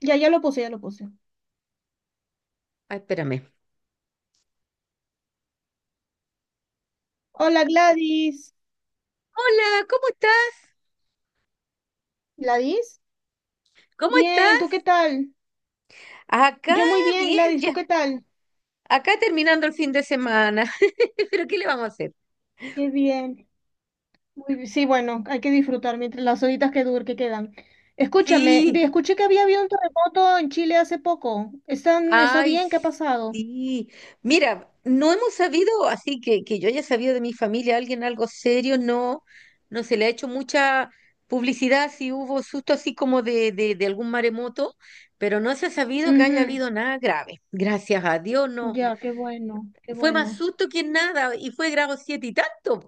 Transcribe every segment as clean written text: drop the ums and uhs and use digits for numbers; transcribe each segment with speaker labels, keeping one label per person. Speaker 1: Ya, ya lo puse, ya lo puse.
Speaker 2: Ay, espérame.
Speaker 1: Hola, Gladys.
Speaker 2: Hola, ¿cómo estás?
Speaker 1: ¿Gladys?
Speaker 2: ¿Cómo
Speaker 1: Bien,
Speaker 2: estás?
Speaker 1: ¿tú qué tal?
Speaker 2: Acá,
Speaker 1: Yo muy bien,
Speaker 2: bien,
Speaker 1: Gladys,
Speaker 2: ya.
Speaker 1: ¿tú qué tal?
Speaker 2: Acá terminando el fin de semana. Pero ¿qué le vamos a hacer?
Speaker 1: Qué bien. Sí, bueno, hay que disfrutar mientras las horitas que quedan. Escúchame,
Speaker 2: Sí,
Speaker 1: escuché que había habido un terremoto en Chile hace poco. ¿Está
Speaker 2: ay,
Speaker 1: bien? ¿Qué ha pasado?
Speaker 2: sí. Mira, no hemos sabido, así que yo haya sabido de mi familia, alguien algo serio, no, no se le ha hecho mucha publicidad, si hubo susto así como de algún maremoto, pero no se ha sabido que haya
Speaker 1: Ujú.
Speaker 2: habido nada grave. Gracias a Dios, no.
Speaker 1: Ya, qué bueno, qué
Speaker 2: Fue más
Speaker 1: bueno.
Speaker 2: susto que nada y fue grado 7 y tanto.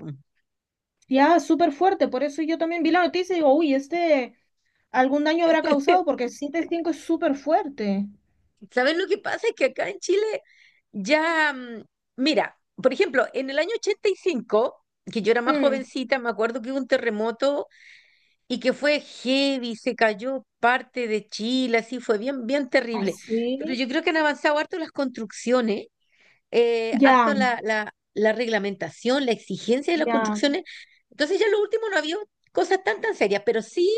Speaker 1: Ya, súper fuerte, por eso yo también vi la noticia y digo, uy, algún daño habrá causado porque el siete punto cinco es súper fuerte.
Speaker 2: ¿Sabes lo que pasa? Es que acá en Chile ya, mira, por ejemplo, en el año 85 que yo era más
Speaker 1: Mm.
Speaker 2: jovencita, me acuerdo que hubo un terremoto y que fue heavy, se cayó parte de Chile, así fue bien, bien
Speaker 1: ¿Ah,
Speaker 2: terrible. Pero
Speaker 1: sí?
Speaker 2: yo creo que han avanzado harto las construcciones, harto
Speaker 1: Ya.
Speaker 2: la reglamentación, la exigencia de las
Speaker 1: Ya.
Speaker 2: construcciones. Entonces ya en lo último no había cosas tan tan serias, pero sí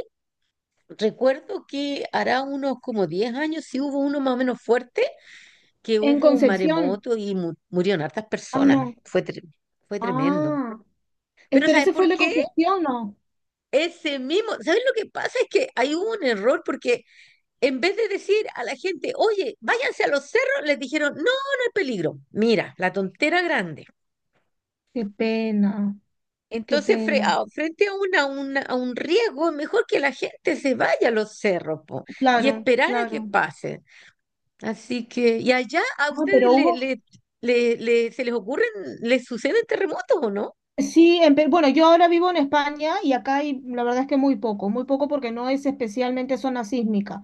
Speaker 2: recuerdo que hará unos como 10 años sí hubo uno más o menos fuerte que
Speaker 1: En
Speaker 2: hubo un
Speaker 1: Concepción.
Speaker 2: maremoto y murieron hartas
Speaker 1: Ah,
Speaker 2: personas.
Speaker 1: no.
Speaker 2: Fue tremendo.
Speaker 1: Ah.
Speaker 2: Pero
Speaker 1: Pero
Speaker 2: ¿sabes
Speaker 1: ese fue el
Speaker 2: por
Speaker 1: de
Speaker 2: qué?
Speaker 1: Concepción, ¿no?
Speaker 2: Ese mismo. ¿Sabes lo que pasa? Es que hay un error porque en vez de decir a la gente, oye, váyanse a los cerros, les dijeron, no, no hay peligro. Mira, la tontera grande.
Speaker 1: Qué pena, qué
Speaker 2: Entonces,
Speaker 1: pena.
Speaker 2: frente a, a un riesgo, es mejor que la gente se vaya a los cerros po, y
Speaker 1: Claro,
Speaker 2: esperar a que
Speaker 1: claro.
Speaker 2: pase. Así que, ¿y allá a
Speaker 1: Ah,
Speaker 2: ustedes
Speaker 1: pero hubo.
Speaker 2: se les ocurren, les suceden terremotos o no?
Speaker 1: Sí, bueno, yo ahora vivo en España y acá hay, la verdad es que muy poco porque no es especialmente zona sísmica.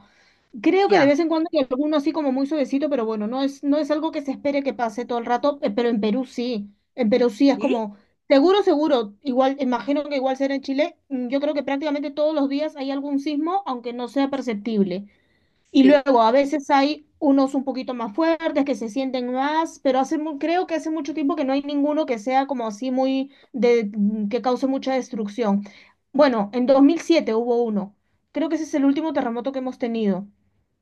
Speaker 1: Creo que de vez
Speaker 2: Ya.
Speaker 1: en cuando hay alguno así como muy suavecito, pero bueno, no es algo que se espere que pase todo el rato, pero en Perú sí, en Perú sí es
Speaker 2: Sí.
Speaker 1: como, seguro, seguro, igual, imagino que igual será en Chile, mm, yo creo que prácticamente todos los días hay algún sismo, aunque no sea perceptible. Y
Speaker 2: Sí,
Speaker 1: luego a veces hay unos un poquito más fuertes que se sienten más, pero creo que hace mucho tiempo que no hay ninguno que sea como así mm, que cause mucha destrucción. Bueno, en 2007 hubo uno. Creo que ese es el último terremoto que hemos tenido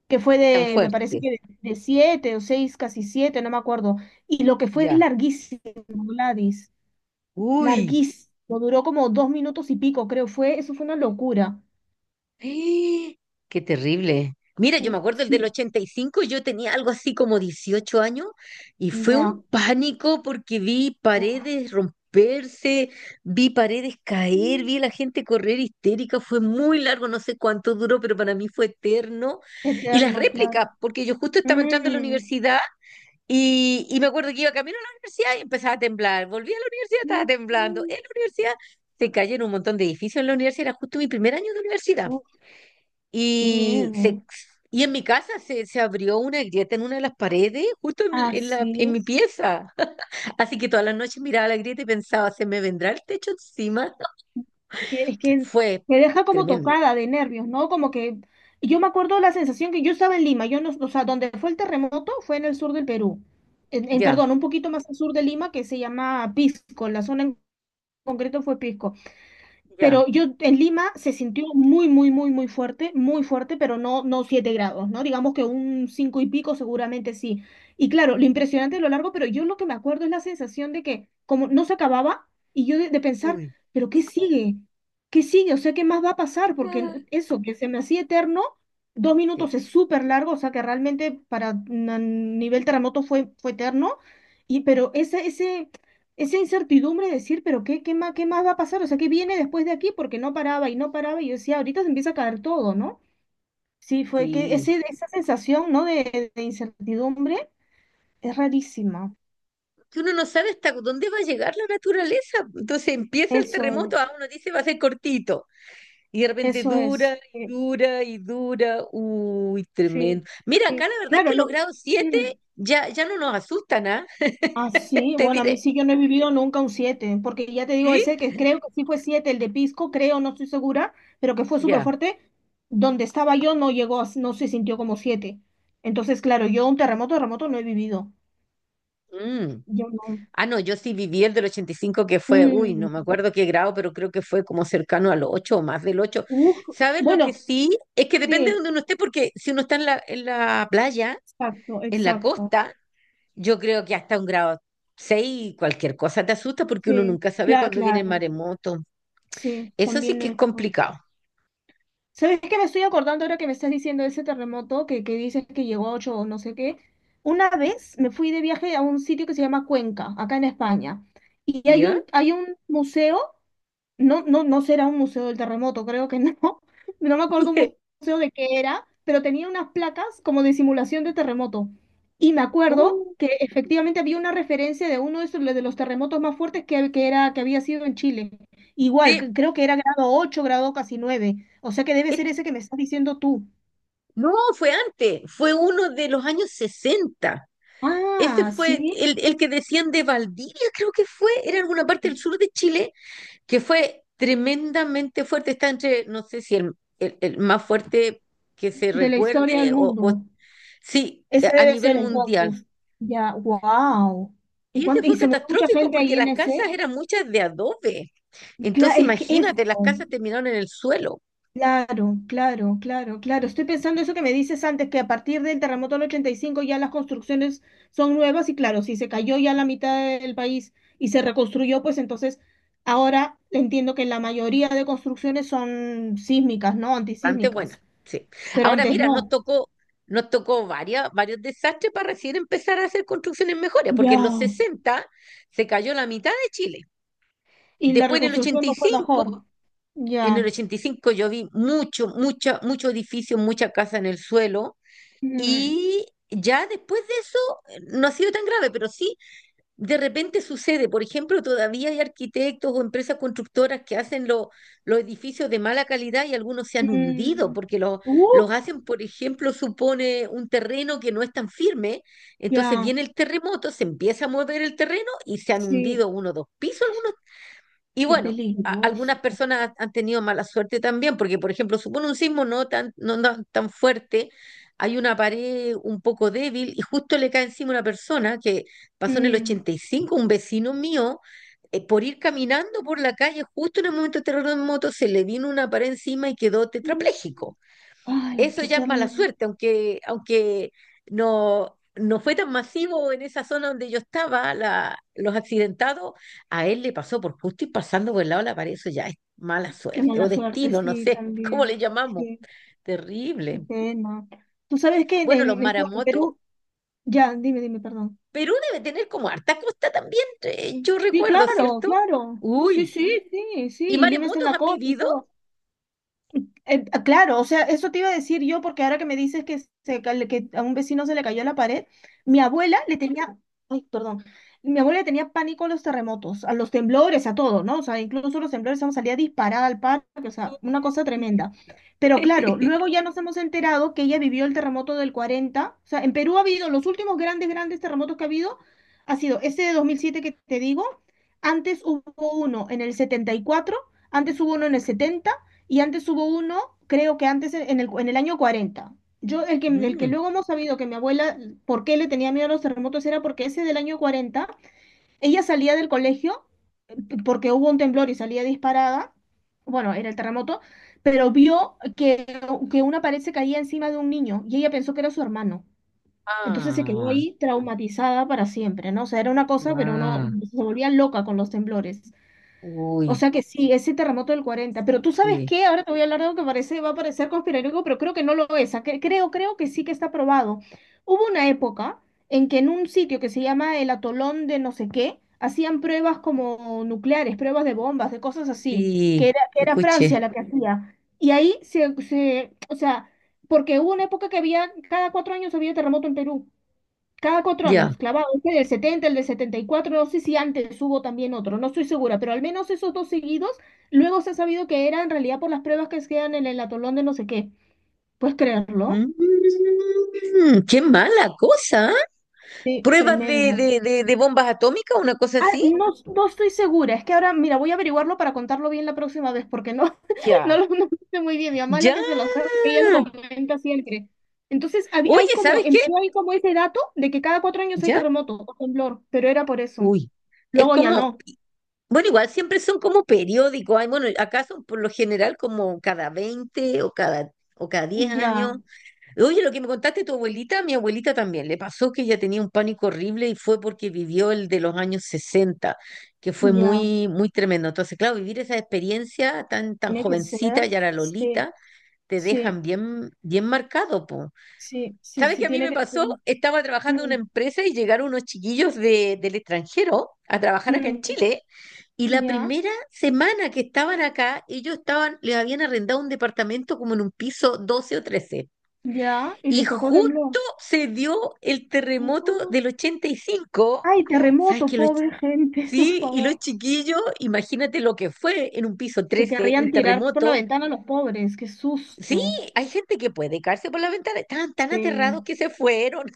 Speaker 1: que
Speaker 2: y tan
Speaker 1: me parece
Speaker 2: fuerte.
Speaker 1: que de siete o seis, casi siete, no me acuerdo. Y lo que fue es
Speaker 2: Ya.
Speaker 1: larguísimo, Gladys,
Speaker 2: Uy,
Speaker 1: larguísimo, duró como dos minutos y pico, creo, eso fue una locura.
Speaker 2: ¡eh! qué terrible. Mira, yo me
Speaker 1: Sí,
Speaker 2: acuerdo el del
Speaker 1: sí,
Speaker 2: 85, yo tenía algo así como 18 años y fue un
Speaker 1: ya.
Speaker 2: pánico porque vi paredes romperse, vi paredes caer,
Speaker 1: Mm,
Speaker 2: vi a la gente correr histérica, fue muy largo, no sé cuánto duró, pero para mí fue eterno. Y las
Speaker 1: eterno,
Speaker 2: réplicas,
Speaker 1: claro.
Speaker 2: porque yo justo estaba entrando a la
Speaker 1: Mm,
Speaker 2: universidad. Y me acuerdo que iba camino a la universidad y empezaba a temblar. Volví a la universidad, estaba
Speaker 1: mm,
Speaker 2: temblando.
Speaker 1: mm.
Speaker 2: En la universidad se cayeron un montón de edificios en la universidad. Era justo mi primer año de universidad.
Speaker 1: Uf, qué
Speaker 2: Y, se,
Speaker 1: miedo.
Speaker 2: y en mi casa se abrió una grieta en una de las paredes, justo en,
Speaker 1: Ah,
Speaker 2: en la, en mi
Speaker 1: sí.
Speaker 2: pieza. Así que todas las noches miraba la grieta y pensaba, ¿se me vendrá el techo encima?
Speaker 1: Es que
Speaker 2: Fue
Speaker 1: me deja como
Speaker 2: tremendo.
Speaker 1: tocada de nervios, ¿no? Como que yo me acuerdo la sensación que yo estaba en Lima, yo no, o sea, donde fue el terremoto fue en el sur del Perú,
Speaker 2: Ya,
Speaker 1: perdón, un poquito más al sur de Lima que se llama Pisco, la zona en concreto fue Pisco. Pero
Speaker 2: ya.
Speaker 1: yo en Lima se sintió muy, muy, muy, muy fuerte, pero no, no 7 grados, ¿no? Digamos que un 5 y pico seguramente sí. Y claro, lo impresionante de lo largo, pero yo lo que me acuerdo es la sensación de que como no se acababa y yo de pensar,
Speaker 2: Uy.
Speaker 1: pero ¿qué sigue? ¿Qué sigue? O sea, ¿qué más va a pasar? Porque
Speaker 2: Ah,
Speaker 1: no- eso, que se me hacía eterno, dos
Speaker 2: sí,
Speaker 1: minutos es súper largo, o sea que realmente nivel terremoto fue, fue eterno, y, pero ese esa incertidumbre de decir, pero qué, qué más va a pasar, o sea, qué viene después de aquí, porque no paraba y no paraba, y yo decía, ahorita se empieza a caer todo, ¿no? Sí, fue que
Speaker 2: sí.
Speaker 1: esa sensación, ¿no? De incertidumbre es rarísima.
Speaker 2: Que uno no sabe hasta dónde va a llegar la naturaleza. Entonces empieza el
Speaker 1: Eso
Speaker 2: terremoto,
Speaker 1: es,
Speaker 2: ah, uno dice va a ser cortito, y de repente
Speaker 1: eso
Speaker 2: dura
Speaker 1: es.
Speaker 2: y dura y dura. Uy, tremendo.
Speaker 1: Sí,
Speaker 2: Mira,
Speaker 1: sí.
Speaker 2: acá la verdad es que
Speaker 1: Claro,
Speaker 2: los
Speaker 1: no.
Speaker 2: grados 7
Speaker 1: Mm.
Speaker 2: ya, ya no nos asustan, ¿ah?
Speaker 1: Ah, sí,
Speaker 2: Te
Speaker 1: bueno, a mí
Speaker 2: diré,
Speaker 1: sí que no he vivido nunca un siete, porque ya te digo,
Speaker 2: ¿sí?
Speaker 1: ese que creo que sí fue 7 el de Pisco, creo, no estoy segura, pero que fue súper
Speaker 2: Ya.
Speaker 1: fuerte, donde estaba yo no llegó, no se sintió como 7. Entonces, claro, yo un terremoto, terremoto no he vivido.
Speaker 2: Mm.
Speaker 1: Yo no.
Speaker 2: Ah, no, yo sí viví el del 85 que fue, uy, no me
Speaker 1: Mm,
Speaker 2: acuerdo qué grado, pero creo que fue como cercano al 8 o más del 8.
Speaker 1: uf,
Speaker 2: ¿Sabes lo que
Speaker 1: bueno,
Speaker 2: sí? Es que depende de
Speaker 1: sí,
Speaker 2: donde uno esté, porque si uno está en la playa,
Speaker 1: exacto,
Speaker 2: en la
Speaker 1: exacto.
Speaker 2: costa, yo creo que hasta un grado 6 cualquier cosa te asusta porque uno
Speaker 1: Sí,
Speaker 2: nunca sabe cuándo viene el
Speaker 1: claro,
Speaker 2: maremoto.
Speaker 1: sí,
Speaker 2: Eso sí
Speaker 1: también
Speaker 2: que es
Speaker 1: eso.
Speaker 2: complicado,
Speaker 1: ¿Sabes qué me estoy acordando ahora que me estás diciendo ese terremoto que dices que llegó a 8 o no sé qué? Una vez me fui de viaje a un sitio que se llama Cuenca, acá en España, y
Speaker 2: ¿ya?
Speaker 1: hay un museo no, no, no será un museo del terremoto, creo que no. No me acuerdo un museo de qué era, pero tenía unas placas como de simulación de terremoto. Y me acuerdo
Speaker 2: Uh,
Speaker 1: que efectivamente había una referencia de uno de, esos, de los terremotos más fuertes que era, que había sido en Chile. Igual,
Speaker 2: sí.
Speaker 1: creo que era grado 8 grado casi nueve. O sea que debe ser
Speaker 2: Eh,
Speaker 1: ese que me estás diciendo tú.
Speaker 2: no, fue antes, fue uno de los años 60. Ese
Speaker 1: Ah,
Speaker 2: fue
Speaker 1: sí,
Speaker 2: el que decían de Valdivia, creo que fue, era alguna parte del sur de Chile, que fue tremendamente fuerte. Está entre, no sé si el más fuerte que se
Speaker 1: de la historia del
Speaker 2: recuerde o
Speaker 1: mundo.
Speaker 2: sí,
Speaker 1: Ese
Speaker 2: a
Speaker 1: debe
Speaker 2: nivel
Speaker 1: ser
Speaker 2: mundial.
Speaker 1: entonces. Ya, wow. ¿Y
Speaker 2: Y ese
Speaker 1: cuánto, y
Speaker 2: fue
Speaker 1: se murió mucha
Speaker 2: catastrófico
Speaker 1: gente
Speaker 2: porque
Speaker 1: ahí en
Speaker 2: las casas
Speaker 1: ese?
Speaker 2: eran muchas de adobe.
Speaker 1: Cla-
Speaker 2: Entonces,
Speaker 1: es que es
Speaker 2: imagínate, las
Speaker 1: oh,
Speaker 2: casas terminaron en el suelo.
Speaker 1: claro, claro, claro, claro. Estoy pensando eso que me dices antes, que a partir del terremoto del 85 ya las construcciones son nuevas y claro, si se cayó ya la mitad del país y se reconstruyó, pues entonces ahora entiendo que la mayoría de construcciones son sísmicas, ¿no?
Speaker 2: Bastante
Speaker 1: Antisísmicas,
Speaker 2: buena, sí.
Speaker 1: pero
Speaker 2: Ahora
Speaker 1: antes
Speaker 2: mira, nos
Speaker 1: no.
Speaker 2: tocó, nos tocó varias, varios desastres para recién empezar a hacer construcciones mejores, porque en los
Speaker 1: Ya.
Speaker 2: 60 se cayó la mitad de Chile.
Speaker 1: Y la
Speaker 2: Después en el
Speaker 1: reconstrucción
Speaker 2: ochenta
Speaker 1: no
Speaker 2: y
Speaker 1: fue mejor.
Speaker 2: cinco, en
Speaker 1: Ya.
Speaker 2: el 85 yo vi mucho, mucha, mucho edificio, mucha casa en el suelo.
Speaker 1: Mm,
Speaker 2: Y ya después de eso no ha sido tan grave, pero sí de repente sucede. Por ejemplo, todavía hay arquitectos o empresas constructoras que hacen los edificios de mala calidad y algunos se han hundido
Speaker 1: mm.
Speaker 2: porque los
Speaker 1: Uh,
Speaker 2: hacen, por ejemplo, supone un terreno que no es tan firme. Entonces
Speaker 1: ya.
Speaker 2: viene el terremoto, se empieza a mover el terreno y se han
Speaker 1: Sí,
Speaker 2: hundido uno o dos pisos algunos y
Speaker 1: qué
Speaker 2: bueno, algunas
Speaker 1: peligroso.
Speaker 2: personas han tenido mala suerte también, porque, por ejemplo, supone un sismo no tan fuerte, hay una pared un poco débil y justo le cae encima una persona. Que pasó en el
Speaker 1: Mm.
Speaker 2: 85, un vecino mío, por ir caminando por la calle, justo en el momento del terremoto, se le vino una pared encima y quedó
Speaker 1: Mm.
Speaker 2: tetrapléjico.
Speaker 1: Ay,
Speaker 2: Eso
Speaker 1: qué
Speaker 2: ya es mala
Speaker 1: terrible.
Speaker 2: suerte, aunque, no, no fue tan masivo en esa zona donde yo estaba, la, los accidentados, a él le pasó por justo y pasando por el lado de la pared, eso ya es mala
Speaker 1: Qué
Speaker 2: suerte o
Speaker 1: mala suerte,
Speaker 2: destino, no
Speaker 1: sí,
Speaker 2: sé cómo le
Speaker 1: también.
Speaker 2: llamamos,
Speaker 1: Sí, qué
Speaker 2: terrible.
Speaker 1: pena. Tú sabes que
Speaker 2: Bueno, los
Speaker 1: bueno, en
Speaker 2: maramotos,
Speaker 1: Perú, ya, dime, dime, perdón.
Speaker 2: Perú debe tener como harta costa también, yo
Speaker 1: Sí,
Speaker 2: recuerdo,
Speaker 1: claro,
Speaker 2: ¿cierto?
Speaker 1: claro. Sí,
Speaker 2: Uy,
Speaker 1: sí, sí, sí.
Speaker 2: ¿y
Speaker 1: Y Lima está en
Speaker 2: maremotos
Speaker 1: la
Speaker 2: han
Speaker 1: costa y
Speaker 2: vivido?
Speaker 1: todo. Ah, claro, o sea, eso te iba a decir yo, porque ahora que me dices que, que a un vecino se le cayó la pared, mi abuela le tenía, ay, perdón, mi abuela le tenía pánico a los terremotos, a los temblores, a todo, ¿no? O sea, incluso los temblores, vamos, salía disparada al parque, o sea, una cosa
Speaker 2: Sí.
Speaker 1: tremenda. Pero claro, luego ya nos hemos enterado que ella vivió el terremoto del cuarenta. O sea, en Perú ha habido, los últimos grandes, grandes terremotos que ha habido, ha sido ese de 2007 que te digo, antes hubo uno en el setenta y cuatro, antes hubo uno en el 70 y antes hubo uno, creo que antes en el año cuarenta. Yo, el que
Speaker 2: Mm.
Speaker 1: luego hemos sabido que mi abuela, por qué le tenía miedo a los terremotos, era porque ese del año 40 ella salía del colegio porque hubo un temblor y salía disparada, bueno, era el terremoto, pero vio que una pared se caía encima de un niño y ella pensó que era su hermano. Entonces se quedó
Speaker 2: Ah,
Speaker 1: ahí traumatizada para siempre, ¿no? O sea, era una cosa, pero no,
Speaker 2: ah,
Speaker 1: se volvía loca con los temblores. O
Speaker 2: uy,
Speaker 1: sea que sí, ese terremoto del 40. Pero tú sabes
Speaker 2: sí.
Speaker 1: qué, ahora te voy a hablar de algo que parece, va a parecer conspiranoico, pero creo que no lo es. Ah, creo, creo que sí que está probado. Hubo una época en que en un sitio que se llama el atolón de no sé qué, hacían pruebas como nucleares, pruebas de bombas, de cosas así,
Speaker 2: Sí,
Speaker 1: que era
Speaker 2: escuché.
Speaker 1: Francia la que hacía. Y ahí o sea, porque hubo una época que había, cada cuatro años había terremoto en Perú. Cada cuatro años,
Speaker 2: Ya.
Speaker 1: clavado, este del 70 el del 74, no sé si antes hubo también otro, no estoy segura, pero al menos esos dos seguidos, luego se ha sabido que era en realidad por las pruebas que quedan en el atolón de no sé qué. ¿Puedes creerlo?
Speaker 2: Mm, qué mala cosa, ¿ah?
Speaker 1: Sí,
Speaker 2: ¿Pruebas de,
Speaker 1: tremendo.
Speaker 2: de, de, de bombas atómicas, una cosa
Speaker 1: Ah,
Speaker 2: así?
Speaker 1: no, no estoy segura, es que ahora, mira, voy a averiguarlo para contarlo bien la próxima vez, porque no,
Speaker 2: Ya.
Speaker 1: no lo sé muy bien, mi mamá es la
Speaker 2: Ya.
Speaker 1: que se lo sabe, ella lo comenta siempre. Entonces, hay
Speaker 2: Oye,
Speaker 1: como,
Speaker 2: ¿sabes
Speaker 1: en
Speaker 2: qué?
Speaker 1: Perú hay como ese dato de que cada cuatro años hay
Speaker 2: Ya.
Speaker 1: terremoto o temblor, pero era por eso.
Speaker 2: Uy. Es
Speaker 1: Luego ya
Speaker 2: como,
Speaker 1: no,
Speaker 2: bueno, igual siempre son como periódicos. Ay, bueno, acá son por lo general como cada 20 o o cada 10
Speaker 1: ya.
Speaker 2: años. Oye, lo que me contaste tu abuelita, mi abuelita también, le pasó que ella tenía un pánico horrible y fue porque vivió el de los años 60, que fue
Speaker 1: Ya,
Speaker 2: muy, muy tremendo. Entonces, claro, vivir esa experiencia tan, tan
Speaker 1: tiene que
Speaker 2: jovencita,
Speaker 1: ser.
Speaker 2: ya la
Speaker 1: Sí,
Speaker 2: Lolita, te
Speaker 1: sí,
Speaker 2: dejan bien, bien marcado, po.
Speaker 1: sí, sí,
Speaker 2: ¿Sabes
Speaker 1: sí,
Speaker 2: qué a mí
Speaker 1: tiene
Speaker 2: me
Speaker 1: que ser.
Speaker 2: pasó? Estaba trabajando en una
Speaker 1: Mm,
Speaker 2: empresa y llegaron unos chiquillos de, del extranjero a trabajar acá en
Speaker 1: mm,
Speaker 2: Chile y la
Speaker 1: ya,
Speaker 2: primera semana que estaban acá, ellos estaban, les habían arrendado un departamento como en un piso 12 o 13.
Speaker 1: ya. Y
Speaker 2: Y
Speaker 1: les tocó
Speaker 2: justo
Speaker 1: temblor.
Speaker 2: se dio el terremoto
Speaker 1: Oh,
Speaker 2: del 85.
Speaker 1: ay,
Speaker 2: ¿Sabes
Speaker 1: terremoto,
Speaker 2: que
Speaker 1: pobre gente, por
Speaker 2: sí? Y
Speaker 1: favor.
Speaker 2: los chiquillos, imagínate lo que fue en un piso
Speaker 1: Se
Speaker 2: 13
Speaker 1: querrían
Speaker 2: un
Speaker 1: tirar por la
Speaker 2: terremoto.
Speaker 1: ventana los pobres, qué
Speaker 2: Sí,
Speaker 1: susto.
Speaker 2: hay gente que puede caerse por la ventana. Estaban tan aterrados
Speaker 1: Sí.
Speaker 2: que se fueron,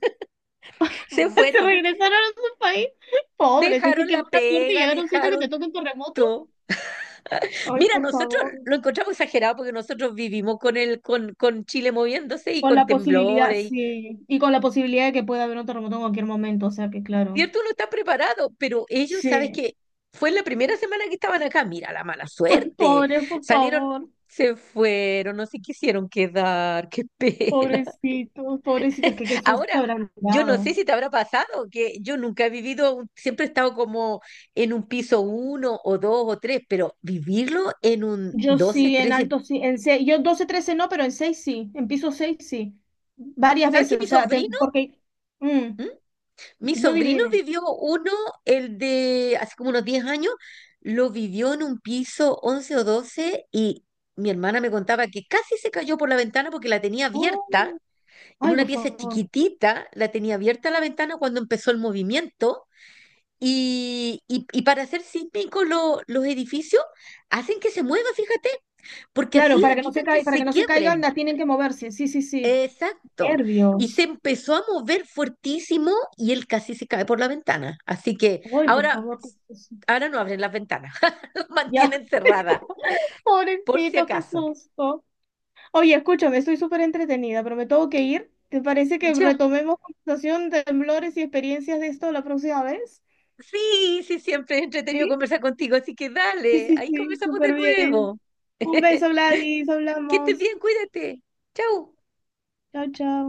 Speaker 1: Ah,
Speaker 2: se
Speaker 1: se
Speaker 2: fueron.
Speaker 1: regresaron a su país. Pobres, es que
Speaker 2: Dejaron
Speaker 1: qué
Speaker 2: la
Speaker 1: mala suerte
Speaker 2: pega,
Speaker 1: llegar a un sitio que te
Speaker 2: dejaron
Speaker 1: toque un terremoto.
Speaker 2: todo.
Speaker 1: Ay,
Speaker 2: Mira,
Speaker 1: por
Speaker 2: nosotros
Speaker 1: favor.
Speaker 2: lo encontramos exagerado porque nosotros vivimos con con Chile moviéndose y
Speaker 1: Con
Speaker 2: con
Speaker 1: la posibilidad,
Speaker 2: temblores.
Speaker 1: sí. Y con la posibilidad de que pueda haber un terremoto en cualquier momento, o sea que claro.
Speaker 2: Cierto, uno está preparado, pero ellos, ¿sabes
Speaker 1: Sí,
Speaker 2: qué? Fue en la primera semana que estaban acá. Mira, la mala
Speaker 1: ay,
Speaker 2: suerte.
Speaker 1: pobre, por
Speaker 2: Salieron,
Speaker 1: favor.
Speaker 2: se fueron, no se quisieron quedar. Qué pena.
Speaker 1: Pobrecitos, pobrecitos, que qué susto
Speaker 2: Ahora,
Speaker 1: habrán
Speaker 2: yo no
Speaker 1: dado.
Speaker 2: sé si te habrá pasado, que yo nunca he vivido, siempre he estado como en un piso uno o dos o tres, pero vivirlo en un
Speaker 1: Yo
Speaker 2: doce
Speaker 1: sí, en
Speaker 2: trece
Speaker 1: alto sí, en seis, yo 12 13 no, pero en 6 sí, en piso 6 sí. Varias
Speaker 2: ¿Sabes qué?
Speaker 1: veces, o
Speaker 2: Mi
Speaker 1: sea, te-
Speaker 2: sobrino.
Speaker 1: porque... mm,
Speaker 2: ¿Mm? Mi
Speaker 1: no, dime,
Speaker 2: sobrino
Speaker 1: dime.
Speaker 2: vivió uno, el de hace como unos 10 años, lo vivió en un piso 11 o 12 y mi hermana me contaba que casi se cayó por la ventana porque la tenía
Speaker 1: Oh,
Speaker 2: abierta, en
Speaker 1: ay,
Speaker 2: una
Speaker 1: por
Speaker 2: pieza
Speaker 1: favor.
Speaker 2: chiquitita, la tenía abierta la ventana cuando empezó el movimiento y para hacer sísmicos los edificios hacen que se mueva, fíjate, porque
Speaker 1: Claro,
Speaker 2: así
Speaker 1: para que no se
Speaker 2: evitan que
Speaker 1: caiga para que
Speaker 2: se
Speaker 1: no se caigan,
Speaker 2: quiebren.
Speaker 1: la tienen que moverse. Sí, sí, sí.
Speaker 2: Exacto. Y se
Speaker 1: Nervios.
Speaker 2: empezó a mover fuertísimo y él casi se cae por la ventana. Así que
Speaker 1: Ay, por
Speaker 2: ahora,
Speaker 1: favor, qué susto.
Speaker 2: ahora no abren las ventanas,
Speaker 1: Ya,
Speaker 2: mantienen cerrada, por si
Speaker 1: pobrecitos, qué
Speaker 2: acaso.
Speaker 1: susto. Oye, escúchame, estoy súper entretenida, pero me tengo que ir. ¿Te parece que
Speaker 2: Ya.
Speaker 1: retomemos conversación de temblores y experiencias de esto la próxima vez?
Speaker 2: Sí, sí, siempre es entretenido
Speaker 1: Sí,
Speaker 2: conversar contigo, así que
Speaker 1: sí,
Speaker 2: dale,
Speaker 1: sí,
Speaker 2: ahí
Speaker 1: sí,
Speaker 2: conversamos de
Speaker 1: súper bien.
Speaker 2: nuevo.
Speaker 1: Un beso, Gladys,
Speaker 2: Que estés
Speaker 1: hablamos.
Speaker 2: bien, cuídate. Chau.
Speaker 1: Chao, chao.